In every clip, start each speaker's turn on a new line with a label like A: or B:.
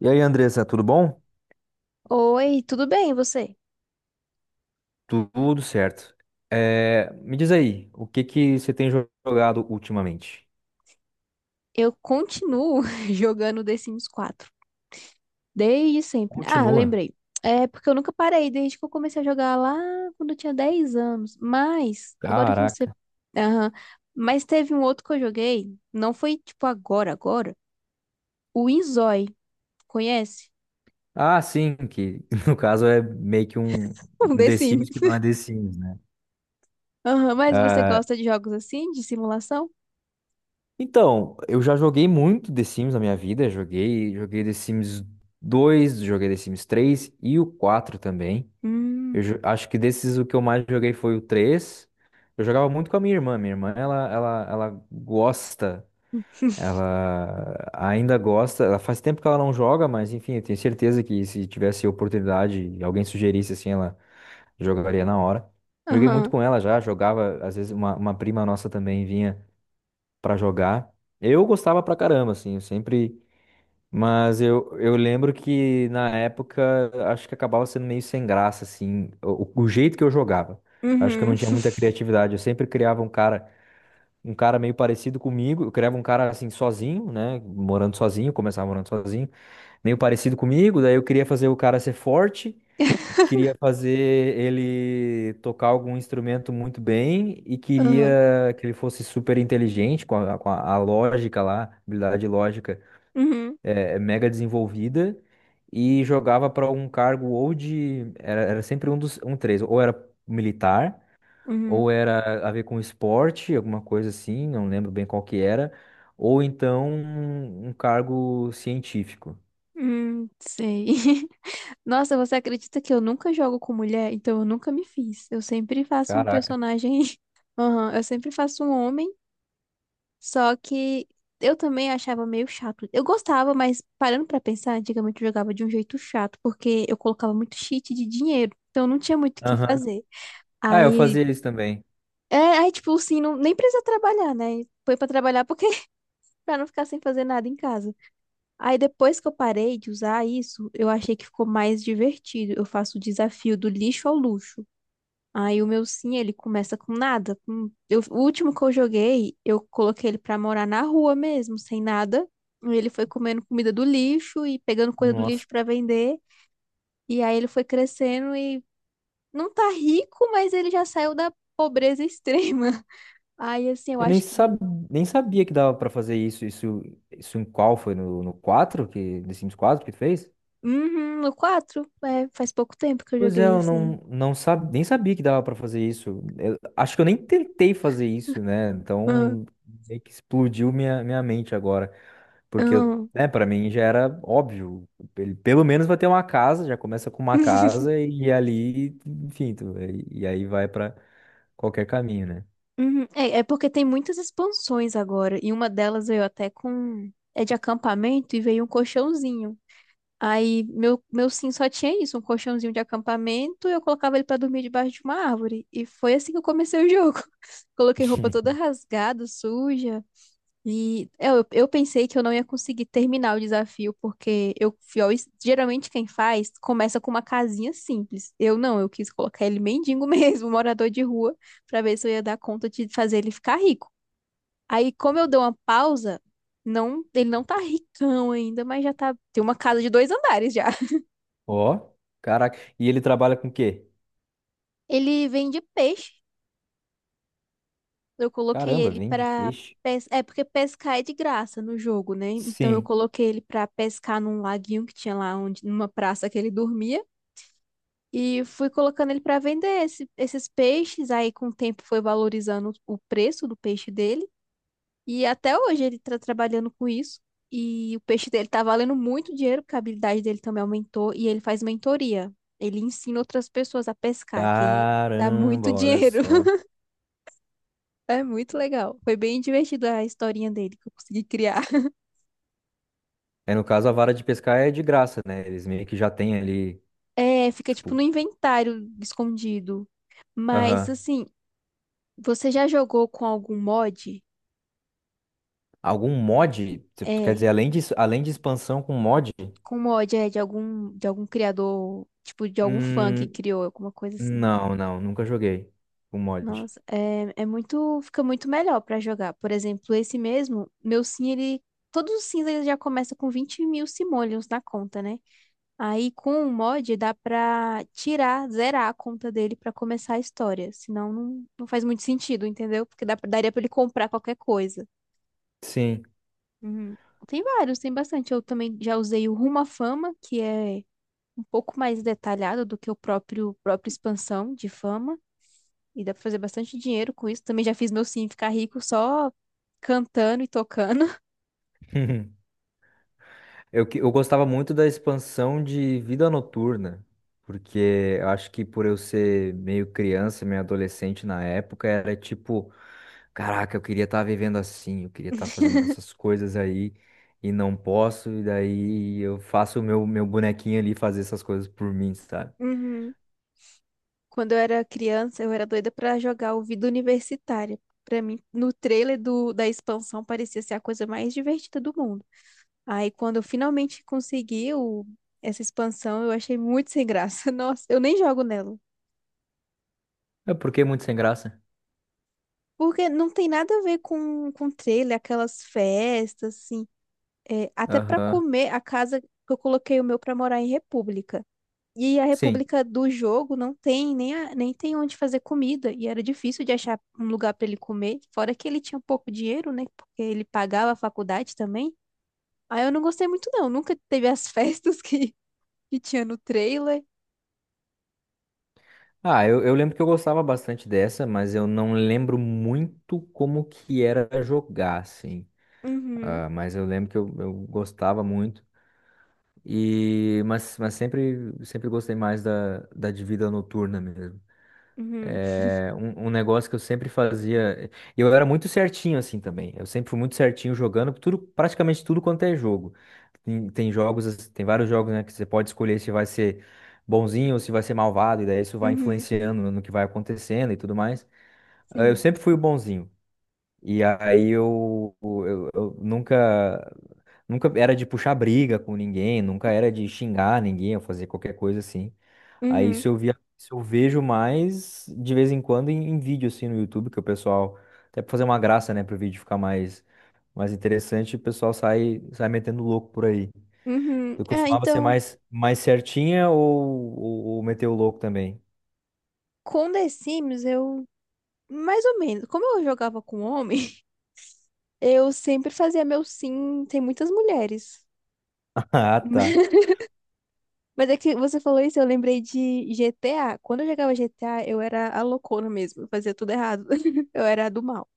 A: E aí, Andressa, tudo bom?
B: Oi, tudo bem, e você?
A: Tudo certo. Me diz aí, o que que você tem jogado ultimamente?
B: Eu continuo jogando The Sims 4. Desde sempre. Ah,
A: Continua.
B: lembrei. É porque eu nunca parei, desde que eu comecei a jogar lá quando eu tinha 10 anos. Mas, agora que você.
A: Caraca.
B: Aham. Mas teve um outro que eu joguei. Não foi tipo agora, agora. O Inzói. Conhece?
A: Ah, sim, que no caso é meio que um,
B: Um
A: um
B: The
A: The Sims
B: Sims.
A: que não é The Sims, né?
B: Aham, mas você
A: Ah,
B: gosta de jogos assim, de simulação?
A: então, eu já joguei muito The Sims na minha vida. Joguei The Sims 2, joguei The Sims 3 e o 4 também.
B: Hum.
A: Acho que desses o que eu mais joguei foi o 3. Eu jogava muito com a minha irmã. Minha irmã, ela gosta. Ela ainda gosta, ela faz tempo que ela não joga, mas enfim, eu tenho certeza que se tivesse oportunidade e alguém sugerisse assim, ela jogaria na hora. Joguei muito
B: Aham.
A: com ela já, jogava, às vezes uma prima nossa também vinha pra jogar. Eu gostava pra caramba, assim, eu sempre. Mas eu lembro que na época acho que acabava sendo meio sem graça, assim, o jeito que eu jogava. Acho que eu
B: Uhum.
A: não tinha muita criatividade, eu sempre criava um cara meio parecido comigo. Eu criava um cara assim sozinho, né? Morando sozinho, começava morando sozinho, meio parecido comigo. Daí eu queria fazer o cara ser forte, queria fazer ele tocar algum instrumento muito bem e
B: Aham.
A: queria que ele fosse super inteligente com a lógica lá, habilidade lógica
B: Uhum.
A: é mega desenvolvida. E jogava para um cargo ou de. Era sempre um dos. Um três. Ou era militar,
B: Uhum.
A: ou era a ver com esporte, alguma coisa assim, não lembro bem qual que era, ou então um cargo científico.
B: Sei. Nossa, você acredita que eu nunca jogo com mulher? Então eu nunca me fiz. Eu sempre faço um
A: Caraca.
B: personagem. Aham, eu sempre faço um homem. Só que eu também achava meio chato. Eu gostava, mas parando pra pensar, antigamente eu jogava de um jeito chato, porque eu colocava muito cheat de dinheiro. Então não tinha muito o que
A: Aham.
B: fazer.
A: Ah, eu
B: Aí,
A: fazia isso também.
B: é, aí tipo assim, não, nem precisa trabalhar, né? Foi pra trabalhar porque pra não ficar sem fazer nada em casa. Aí depois que eu parei de usar isso, eu achei que ficou mais divertido. Eu faço o desafio do lixo ao luxo. Aí o meu sim, ele começa com nada. Com- eu- o último que eu joguei, eu coloquei ele pra morar na rua mesmo, sem nada. E ele foi comendo comida do lixo e pegando coisa do
A: Nossa.
B: lixo pra vender. E aí ele foi crescendo e não tá rico, mas ele já saiu da pobreza extrema. Aí assim, eu
A: Eu nem,
B: acho que
A: sab... Nem sabia que dava pra fazer isso. Isso em qual foi? No 4 que, The Sims 4 que fez?
B: uhum, no 4, é, faz pouco tempo que eu
A: Pois é,
B: joguei
A: eu
B: assim.
A: não, não nem sabia que dava pra fazer isso. Acho que eu nem tentei fazer isso, né?
B: Aham,
A: Então, meio que explodiu minha mente agora. Porque eu,
B: aham.
A: né, para mim já era óbvio. Ele pelo menos vai ter uma casa, já começa com uma casa e ali, enfim, e aí vai pra qualquer caminho, né?
B: Uhum. É, é porque tem muitas expansões agora, e uma delas veio até com. É de acampamento e veio um colchãozinho. Aí meu sim só tinha isso, um colchãozinho de acampamento, eu colocava ele pra dormir debaixo de uma árvore. E foi assim que eu comecei o jogo. Coloquei roupa toda rasgada, suja. E eu pensei que eu não ia conseguir terminar o desafio, porque eu fui ao es- geralmente quem faz começa com uma casinha simples. Eu não, eu quis colocar ele mendigo mesmo, morador de rua, pra ver se eu ia dar conta de fazer ele ficar rico. Aí, como eu dou uma pausa, não, ele não tá ricão ainda, mas já tá, tem uma casa de 2 andares já.
A: Ó, caraca. E ele trabalha com o quê?
B: Ele vende peixe. Eu coloquei
A: Caramba,
B: ele
A: vende
B: pra
A: peixe?
B: pes... É porque pescar é de graça no jogo, né? Então eu
A: Sim.
B: coloquei ele pra pescar num laguinho que tinha lá onde numa praça que ele dormia e fui colocando ele pra vender esse- esses peixes. Aí com o tempo foi valorizando o preço do peixe dele e até hoje ele tá trabalhando com isso. E o peixe dele tá valendo muito dinheiro, porque a habilidade dele também aumentou e ele faz mentoria. Ele ensina outras pessoas a pescar, que aí dá muito
A: Caramba, olha
B: dinheiro.
A: só.
B: É muito legal. Foi bem divertido a historinha dele que eu consegui criar.
A: É, no caso, a vara de pescar é de graça, né? Eles meio que já têm ali,
B: É, fica tipo
A: tipo,
B: no inventário escondido. Mas
A: aham.
B: assim, você já jogou com algum mod?
A: Algum mod, quer
B: É,
A: dizer, além de expansão com mod?
B: com mod é de algum criador, tipo de algum fã que
A: Hum,
B: criou alguma coisa assim.
A: não, nunca joguei com mod.
B: Nossa, é, é muito, fica muito melhor pra jogar. Por exemplo, esse mesmo, meu sim, ele, todos os sims ele já começa com 20 mil simoleons na conta, né? Aí com o mod dá pra tirar, zerar a conta dele pra começar a história. Senão não faz muito sentido, entendeu? Porque dá pra- daria pra ele comprar qualquer coisa.
A: Sim.
B: Uhum. Tem vários, tem bastante. Eu também já usei o Rumo à Fama, que é um pouco mais detalhado do que o próprio própria expansão de fama. E dá pra fazer bastante dinheiro com isso. Também já fiz meu sim ficar rico só cantando e tocando.
A: Eu gostava muito da expansão de Vida Noturna, porque eu acho que por eu ser meio criança, meio adolescente na época, era tipo, caraca, eu queria estar vivendo assim, eu queria estar fazendo essas coisas aí e não posso, e daí eu faço o meu bonequinho ali fazer essas coisas por mim, sabe?
B: Uhum. Quando eu era criança, eu era doida pra jogar o Vida Universitária. Pra mim, no trailer do, da expansão parecia ser a coisa mais divertida do mundo. Aí, quando eu finalmente consegui o- essa expansão, eu achei muito sem graça. Nossa, eu nem jogo nela.
A: É porque é muito sem graça.
B: Porque não tem nada a ver com trailer, aquelas festas, assim. É, até pra
A: Aham.
B: comer, a casa que eu coloquei o meu pra morar em República. E a
A: Sim.
B: República do Jogo não tem nem, a- nem tem onde fazer comida. E era difícil de achar um lugar para ele comer. Fora que ele tinha pouco dinheiro, né? Porque ele pagava a faculdade também. Aí eu não gostei muito, não. Nunca teve as festas que tinha no trailer.
A: Ah, eu lembro que eu gostava bastante dessa, mas eu não lembro muito como que era jogar, assim.
B: Uhum,
A: Ah, mas eu lembro que eu gostava muito. Mas sempre gostei mais da de vida noturna mesmo.
B: uhum,
A: É um negócio que eu sempre fazia. E eu era muito certinho assim também. Eu sempre fui muito certinho jogando tudo, praticamente tudo quanto é jogo. Tem jogos, tem vários jogos, né, que você pode escolher se vai ser bonzinho ou se vai ser malvado, e daí isso vai
B: uhum,
A: influenciando no que vai acontecendo e tudo mais. Ah, eu
B: sim.
A: sempre fui o bonzinho. E aí eu nunca. Nunca era de puxar briga com ninguém, nunca era de xingar ninguém ou fazer qualquer coisa assim. Aí
B: Uhum,
A: isso eu via, Isso eu vejo mais de vez em quando em, em vídeo assim no YouTube, que o pessoal, até pra fazer uma graça, né, pro vídeo ficar mais, mais interessante, o pessoal sai metendo louco por aí.
B: uhum.
A: Eu
B: Ah,
A: costumava ser
B: então,
A: mais certinha ou, ou meter o louco também?
B: com The Sims, eu. Mais ou menos. Como eu jogava com homem, eu sempre fazia meu sim. Tem muitas mulheres.
A: Ah, tá.
B: Mas é que você falou isso, eu lembrei de GTA. Quando eu jogava GTA, eu era a loucona mesmo. Eu fazia tudo errado. Eu era a do mal.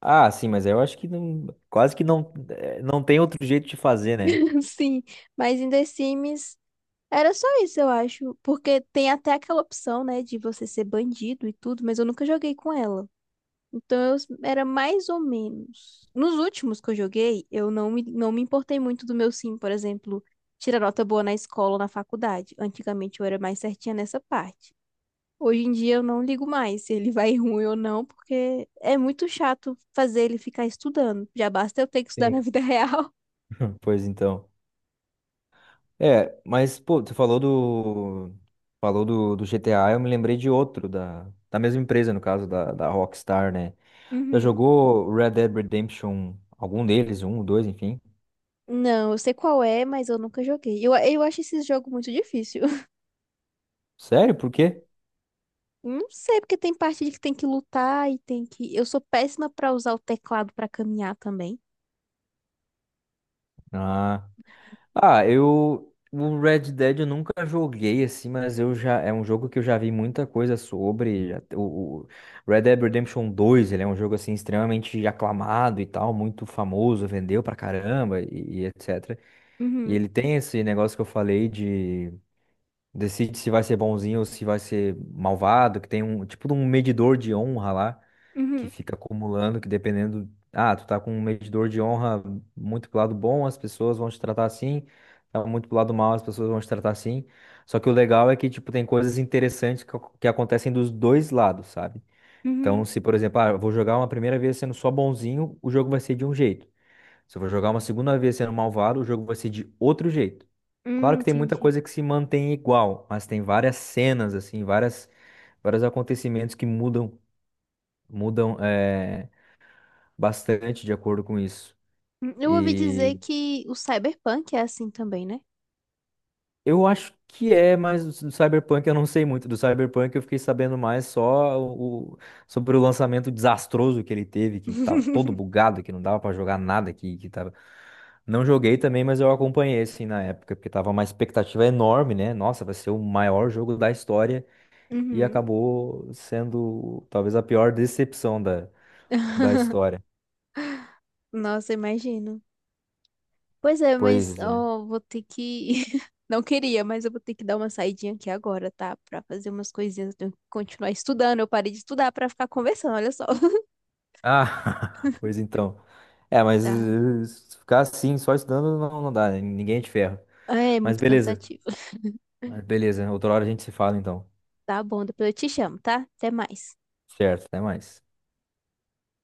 A: Ah, sim, mas eu acho que não, quase que não, não tem outro jeito de fazer, né?
B: Sim, mas em The Sims era só isso, eu acho. Porque tem até aquela opção, né, de você ser bandido e tudo, mas eu nunca joguei com ela. Então eu s- era mais ou menos. Nos últimos que eu joguei, eu não me importei muito do meu sim, por exemplo, tirar nota boa na escola ou na faculdade. Antigamente eu era mais certinha nessa parte. Hoje em dia eu não ligo mais se ele vai ruim ou não, porque é muito chato fazer ele ficar estudando. Já basta eu ter que estudar na
A: Sim.
B: vida real.
A: Pois então. É, mas, pô, você falou do. Falou do GTA, eu me lembrei de outro, da mesma empresa, no caso, da Rockstar, né? Já
B: Uhum.
A: jogou Red Dead Redemption, algum deles, um, dois, enfim.
B: Não, eu sei qual é, mas eu nunca joguei. Eu acho esse jogo muito difícil.
A: Sério? Por quê?
B: Não sei, porque tem parte de que tem que lutar e tem que. Eu sou péssima pra usar o teclado pra caminhar também.
A: Ah, eu. O Red Dead eu nunca joguei assim, mas eu já. É um jogo que eu já vi muita coisa sobre. O, Red Dead Redemption dois, ele é um jogo assim extremamente aclamado e tal, muito famoso, vendeu pra caramba e etc. E
B: Uhum.
A: ele tem esse negócio que eu falei de decide se vai ser bonzinho ou se vai ser malvado, que tem um tipo de um medidor de honra lá que
B: Uhum.
A: fica acumulando, que dependendo, ah, tu tá com um medidor de honra muito pro lado bom, as pessoas vão te tratar assim, tá muito pro lado mal, as pessoas vão te tratar assim. Só que o legal é que tipo tem coisas interessantes que acontecem dos dois lados, sabe? Então,
B: Uhum.
A: se por exemplo, ah, eu vou jogar uma primeira vez sendo só bonzinho, o jogo vai ser de um jeito. Se eu for jogar uma segunda vez sendo malvado, o jogo vai ser de outro jeito. Claro que tem muita
B: Entendi.
A: coisa que se mantém igual, mas tem várias cenas, assim, várias, vários acontecimentos que mudam, mudam bastante de acordo com isso.
B: Eu ouvi dizer que o cyberpunk é assim também, né?
A: Eu acho que é, mas do Cyberpunk eu não sei muito. Do Cyberpunk eu fiquei sabendo mais só o, sobre o lançamento desastroso que ele teve, que tava todo bugado, que não dava pra jogar nada, que tava... Não joguei também, mas eu acompanhei assim na época, porque tava uma expectativa enorme, né? Nossa, vai ser o maior jogo da história e
B: Uhum.
A: acabou sendo talvez a pior decepção da, da história.
B: Nossa, imagino. Pois é, mas
A: Pois é.
B: ó, vou ter que. Não queria, mas eu vou ter que dar uma saidinha aqui agora, tá? Pra fazer umas coisinhas. Eu tenho que continuar estudando. Eu parei de estudar pra ficar conversando, olha só.
A: Ah, pois então. É, mas
B: Tá.
A: se ficar assim, só estudando não, dá, né? Ninguém é de ferro.
B: É
A: Mas
B: muito
A: beleza.
B: cansativo.
A: Mas beleza. Outra hora a gente se fala então.
B: Tá bom, depois eu te chamo, tá? Até mais.
A: Certo, até mais.